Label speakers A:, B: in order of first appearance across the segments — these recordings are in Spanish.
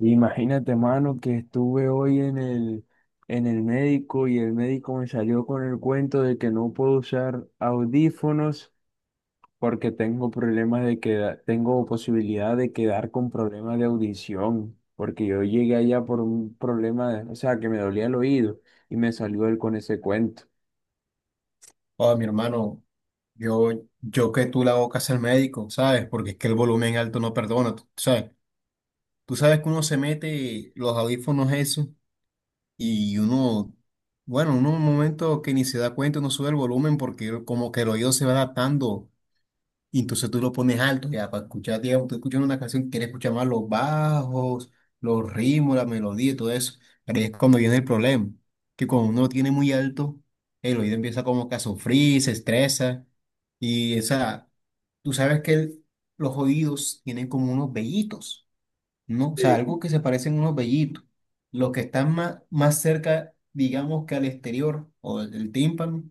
A: Imagínate, mano, que estuve hoy en el médico y el médico me salió con el cuento de que no puedo usar audífonos porque tengo problemas de queda- tengo posibilidad de quedar con problemas de audición, porque yo llegué allá por un problema, de- o sea, que me dolía el oído y me salió él con ese cuento.
B: Oh, mi hermano, yo, yo que tú la boca es el médico, ¿sabes? Porque es que el volumen alto no perdona, tú sabes. Tú sabes que uno se mete los audífonos eso y uno, bueno, uno en un momento que ni se da cuenta, uno sube el volumen porque como que el oído se va adaptando y entonces tú lo pones alto, ya para escuchar, digamos, tú escuchas una canción, quieres escuchar más los bajos, los ritmos, la melodía y todo eso. Pero ahí es cuando viene el problema, que cuando uno lo tiene muy alto, el oído empieza como que a sufrir, se estresa. Y esa, tú sabes que los oídos tienen como unos vellitos. ¿No? O sea,
A: Sí.
B: algo que se parecen unos vellitos. Los que están más cerca, digamos que al exterior o del tímpano,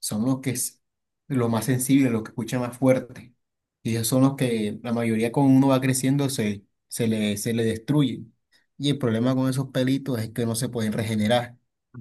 B: son los que es lo más sensible, los que escuchan más fuerte. Y esos son los que la mayoría cuando uno va creciendo se le destruyen. Y el problema con esos pelitos es que no se pueden regenerar.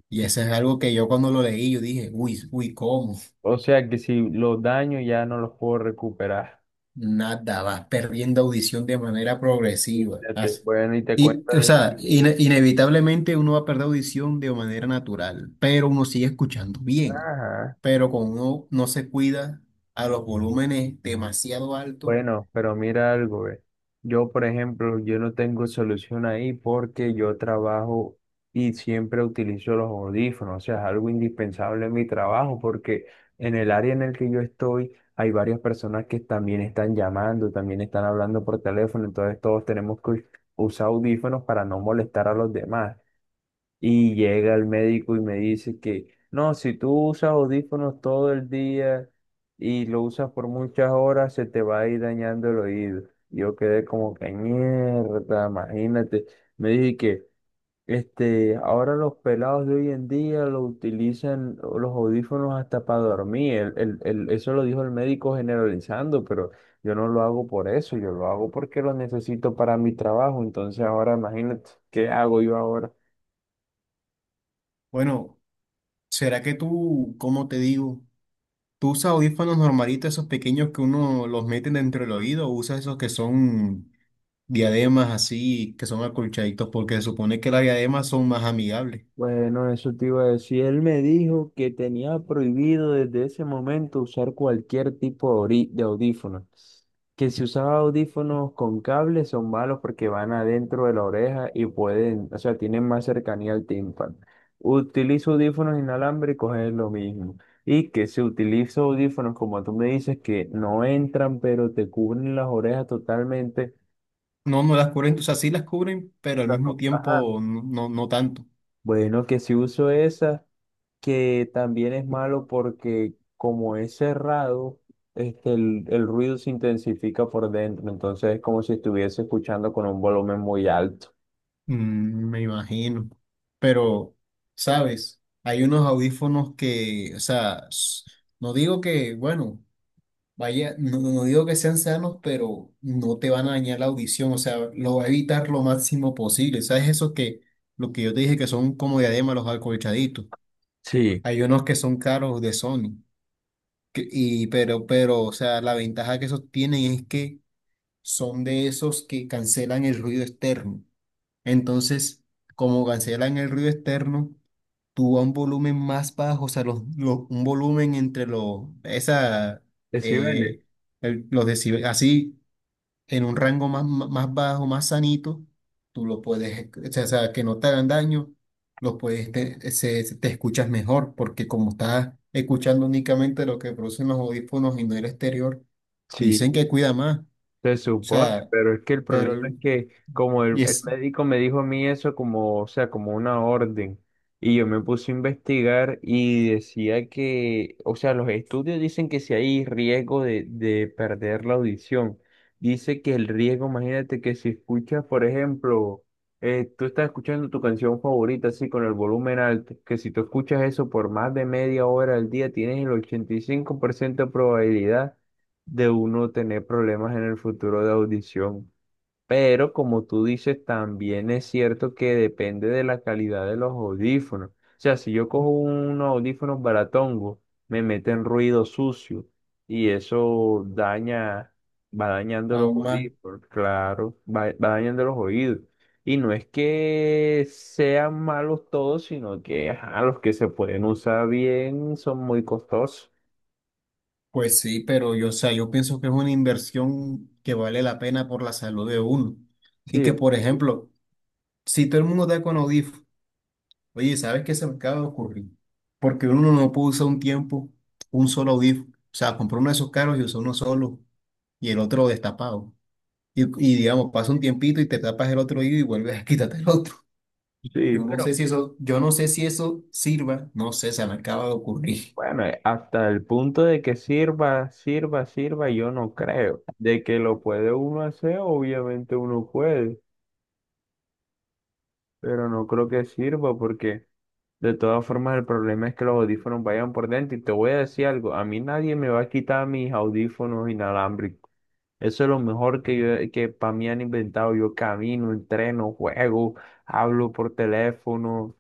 B: Y eso es algo
A: Imagínate.
B: que yo cuando lo leí, yo dije, uy, uy, ¿cómo?
A: O sea, que si los daño ya no los puedo recuperar.
B: Nada, vas perdiendo audición de manera progresiva.
A: Fíjate.
B: Así.
A: Bueno, y te cuento
B: Y o
A: yo
B: sea,
A: algo.
B: inevitablemente uno va a perder audición de manera natural, pero uno sigue escuchando bien.
A: Ajá.
B: Pero como uno no se cuida a los volúmenes demasiado altos,
A: Bueno, pero mira algo, ve. Yo, por ejemplo, yo no tengo solución ahí porque yo trabajo y siempre utilizo los audífonos, o sea, es algo indispensable en mi trabajo porque en el área en el que yo estoy hay varias personas que también están llamando, también están hablando por teléfono, entonces todos tenemos que usar audífonos para no molestar a los demás. Y llega el médico y me dice que no, si tú usas audífonos todo el día y lo usas por muchas horas, se te va a ir dañando el oído. Yo quedé como que mierda, imagínate. Me dije que ahora los pelados de hoy en día lo utilizan o los audífonos hasta para dormir. Eso lo dijo el médico generalizando, pero yo no lo hago por eso, yo lo hago porque lo necesito para mi trabajo. Entonces ahora imagínate, ¿qué hago yo ahora?
B: bueno, ¿será que tú, cómo te digo, tú usas audífonos normalitos, esos pequeños que uno los mete dentro del oído, o usas esos que son diademas así, que son acolchaditos, porque se supone que las diademas son más amigables?
A: Bueno, eso te iba a decir. Él me dijo que tenía prohibido desde ese momento usar cualquier tipo de ori- de audífonos. Que si usaba audífonos con cables son malos porque van adentro de la oreja y pueden, o sea, tienen más cercanía al tímpano. Utilizo audífonos inalámbricos, es lo mismo. Y que si utilizo audífonos, como tú me dices, que no entran, pero te cubren las orejas totalmente.
B: No, no las cubren, o sea, sí las cubren, pero
A: O
B: al
A: sea,
B: mismo
A: no- Ajá.
B: tiempo no tanto.
A: Bueno, que si uso esas. Que también es malo porque como es cerrado, el ruido se intensifica por dentro, entonces es como si estuviese escuchando con un volumen muy alto.
B: Mm, me imagino. Pero, ¿sabes? Hay unos audífonos que, o sea, no digo que, bueno, vaya, no digo que sean sanos, pero no te van a dañar la audición, o sea, lo va a evitar lo máximo posible. ¿Sabes? Eso que, lo que yo te dije que son como diadema los acolchaditos.
A: Sí.
B: Hay unos que son caros de Sony, pero, o sea, la ventaja que esos tienen es que son de esos que cancelan el ruido externo. Entonces, como cancelan el ruido externo, tú a un volumen más bajo, o sea, un volumen entre los, esa,
A: ¿Sí
B: eh,
A: vende?
B: los así, en un rango más bajo, más sanito, tú lo puedes, o sea, que no te hagan daño, los puedes, te, te escuchas mejor, porque como estás escuchando únicamente lo que producen los audífonos y no el exterior, dicen
A: Sí.
B: que cuida más. O
A: Se supone,
B: sea,
A: pero es que el
B: pero
A: problema es que como
B: y
A: el
B: es
A: médico me dijo a mí eso como, o sea, como una orden, y yo me puse a investigar y decía que, o sea, los estudios dicen que si hay riesgo de perder la audición, dice que el riesgo, imagínate que si escuchas, por ejemplo, tú estás escuchando tu canción favorita así con el volumen alto, que si tú escuchas eso por más de media hora al día, tienes el 85% de probabilidad de uno tener problemas en el futuro de audición. Pero como tú dices, también es cierto que depende de la calidad de los audífonos. O sea, si yo cojo unos audífonos baratongo, me meten ruido sucio y eso daña, va dañando los
B: aún más,
A: audífonos, claro, va dañando los oídos. Y no es que sean malos todos, sino que ajá, los que se pueden usar bien son muy costosos.
B: pues sí, pero yo, o sea, yo pienso que es una inversión que vale la pena por la salud de uno. Y
A: Sí,
B: que, por ejemplo, si todo el mundo da con Audif, oye, ¿sabes qué se me acaba de ocurrir? Porque uno no puede usar un tiempo un solo Audif. O sea, compró uno de esos caros y usó uno solo y el otro destapado. Y digamos, pasa un tiempito y te tapas el otro oído y vuelves a quitarte el otro.
A: sí,
B: Yo no sé
A: pero
B: si eso, yo no sé si eso sirva, no sé, se me acaba de ocurrir.
A: bueno, hasta el punto de que sirva, sirva, sirva, yo no creo. De que lo puede uno hacer, obviamente uno puede, pero no creo que sirva porque de todas formas el problema es que los audífonos vayan por dentro. Y te voy a decir algo, a mí nadie me va a quitar mis audífonos inalámbricos. Eso es lo mejor que yo, que para mí han inventado. Yo camino, entreno, juego, hablo por teléfono.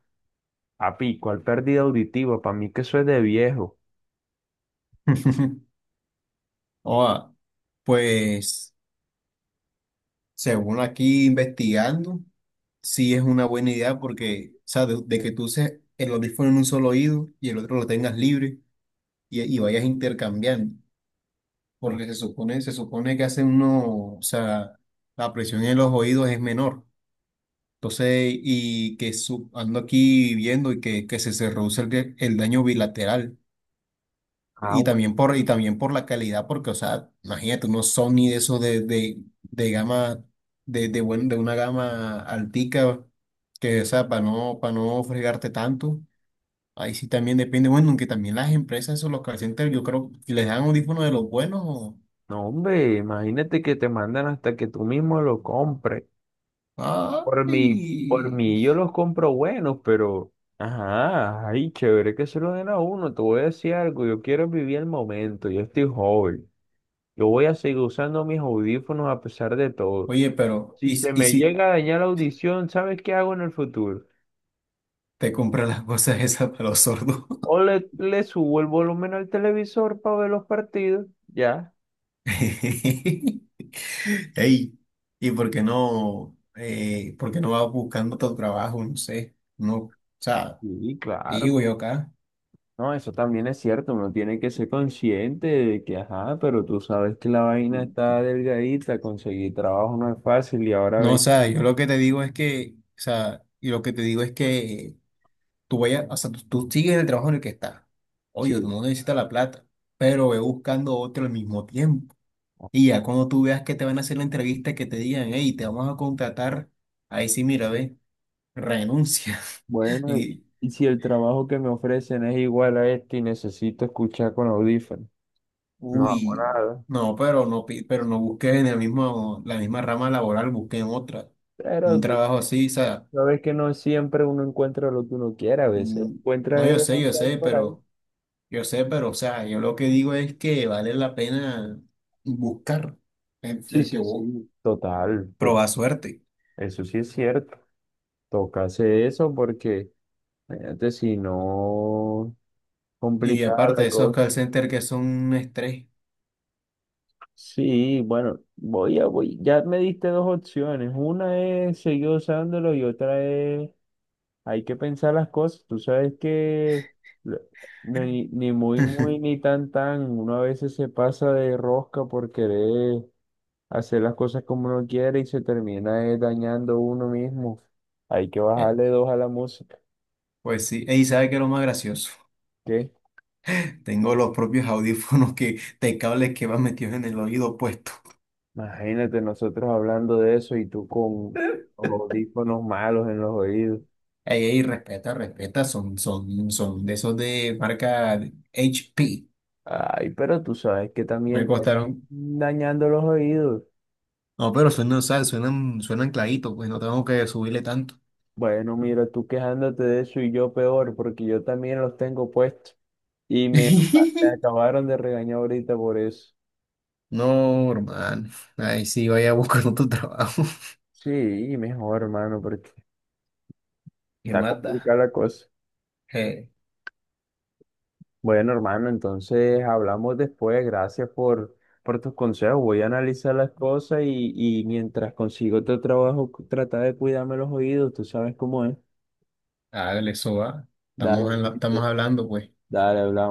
A: Papi, ¿cuál pérdida auditiva? Para mí que eso es de viejo.
B: Oh, pues. Según aquí investigando, sí es una buena idea porque, o sea, de que tú uses el audífono en un solo oído y el otro lo tengas libre y vayas intercambiando,
A: Ah,
B: porque se supone que hace uno, o sea, la presión en los oídos es menor. Entonces, y que ando aquí viendo y que se reduce el daño bilateral.
A: ah.
B: Y también por la calidad, porque, o sea, imagínate, unos Sony de esos de gama, de una gama altica, que, o sea, para no fregarte tanto. Ahí sí también depende, bueno, aunque también las empresas, esos, los call centers, yo creo que les dan audífonos de los buenos.
A: No, hombre, imagínate que te mandan hasta que tú mismo lo compres. Por
B: Ay.
A: mí yo los compro buenos, pero, ajá, ay, chévere que se lo den a uno. Te voy a decir algo, yo quiero vivir el momento, yo estoy joven. Yo voy a seguir usando mis audífonos a pesar de todo.
B: Oye, pero,
A: Si
B: ¿y,
A: se
B: y
A: me
B: si
A: llega a dañar la audición, ¿sabes qué hago en el futuro?
B: te compras las cosas esas para los sordos?
A: O le subo el volumen al televisor para ver los partidos, ya.
B: Ey, ¿y por qué no vas buscando tu trabajo? No sé, no, o sea,
A: Sí,
B: te
A: claro.
B: digo yo acá.
A: No, eso también es cierto, uno tiene que ser consciente de que, ajá, pero tú sabes que la vaina está delgadita, conseguir trabajo no es fácil y ahora
B: No, o
A: ven,
B: sea, yo lo que te digo es que, o sea, y lo que te digo es que tú vayas, o sea, tú sigues en el trabajo en el que estás. Oye, tú
A: sí,
B: no necesitas la plata, pero ve buscando otro al mismo tiempo. Y ya cuando tú veas que te van a hacer la entrevista, que te digan, hey, te vamos a contratar, ahí sí, mira, ve, renuncia.
A: bueno,
B: Y.
A: y si el trabajo que me ofrecen es igual a este y necesito escuchar con audífonos, no hago
B: Uy,
A: nada.
B: no, pero no, pero no busqué en el mismo, la misma rama laboral, busqué en otra.
A: Pero
B: Un
A: tú
B: trabajo así, o sea,
A: sabes que no siempre uno encuentra lo que uno quiere, a veces
B: mm, no,
A: encuentra el no que hay por ahí.
B: yo sé, pero, o sea, yo lo que digo es que vale la pena buscar
A: Sí,
B: el que
A: sí,
B: vos
A: sí. Total, to-
B: probar suerte.
A: eso sí es cierto. Toca hacer eso porque, fíjate, si no.
B: Y
A: Complicada
B: aparte,
A: la
B: esos call
A: cosa.
B: centers que son un estrés.
A: Sí, bueno, voy, ya me diste dos opciones. Una es seguir usándolo y otra es hay que pensar las cosas. Tú sabes que lo- ni, ni muy, muy, ni tan, tan. Uno a veces se pasa de rosca por querer hacer las cosas como uno quiere y se termina dañando uno mismo. Hay que
B: Eh,
A: bajarle dos a la música.
B: pues sí, y ¿sabe qué es lo más gracioso?
A: ¿Qué?
B: Tengo los propios audífonos que, de cables que van metidos en el oído puesto.
A: Imagínate nosotros hablando de eso y tú con los audífonos malos en los oídos.
B: Ey, ey, respeta, son de esos de marca HP.
A: Ay, pero tú sabes que
B: Me
A: también te van
B: costaron.
A: dañando los oídos.
B: No, pero suenan, o sea, suenan clarito, pues no tengo que subirle tanto.
A: Bueno, mira, tú quejándote de eso y yo peor, porque yo también los tengo puestos y me, me acabaron de regañar ahorita por eso.
B: No, hermano. Ahí sí, vaya buscando tu trabajo.
A: Sí, mejor, hermano, porque
B: ¿Qué
A: está
B: más da?
A: complicada la cosa.
B: Eh,
A: Bueno, hermano, entonces hablamos después. Gracias por tus consejos. Voy a analizar las cosas y mientras consigo otro trabajo, trata de cuidarme los oídos. Tú sabes cómo es.
B: hágale, eso va.
A: Dale,
B: Estamos,
A: listo.
B: estamos hablando, pues.
A: Dale, hablamos.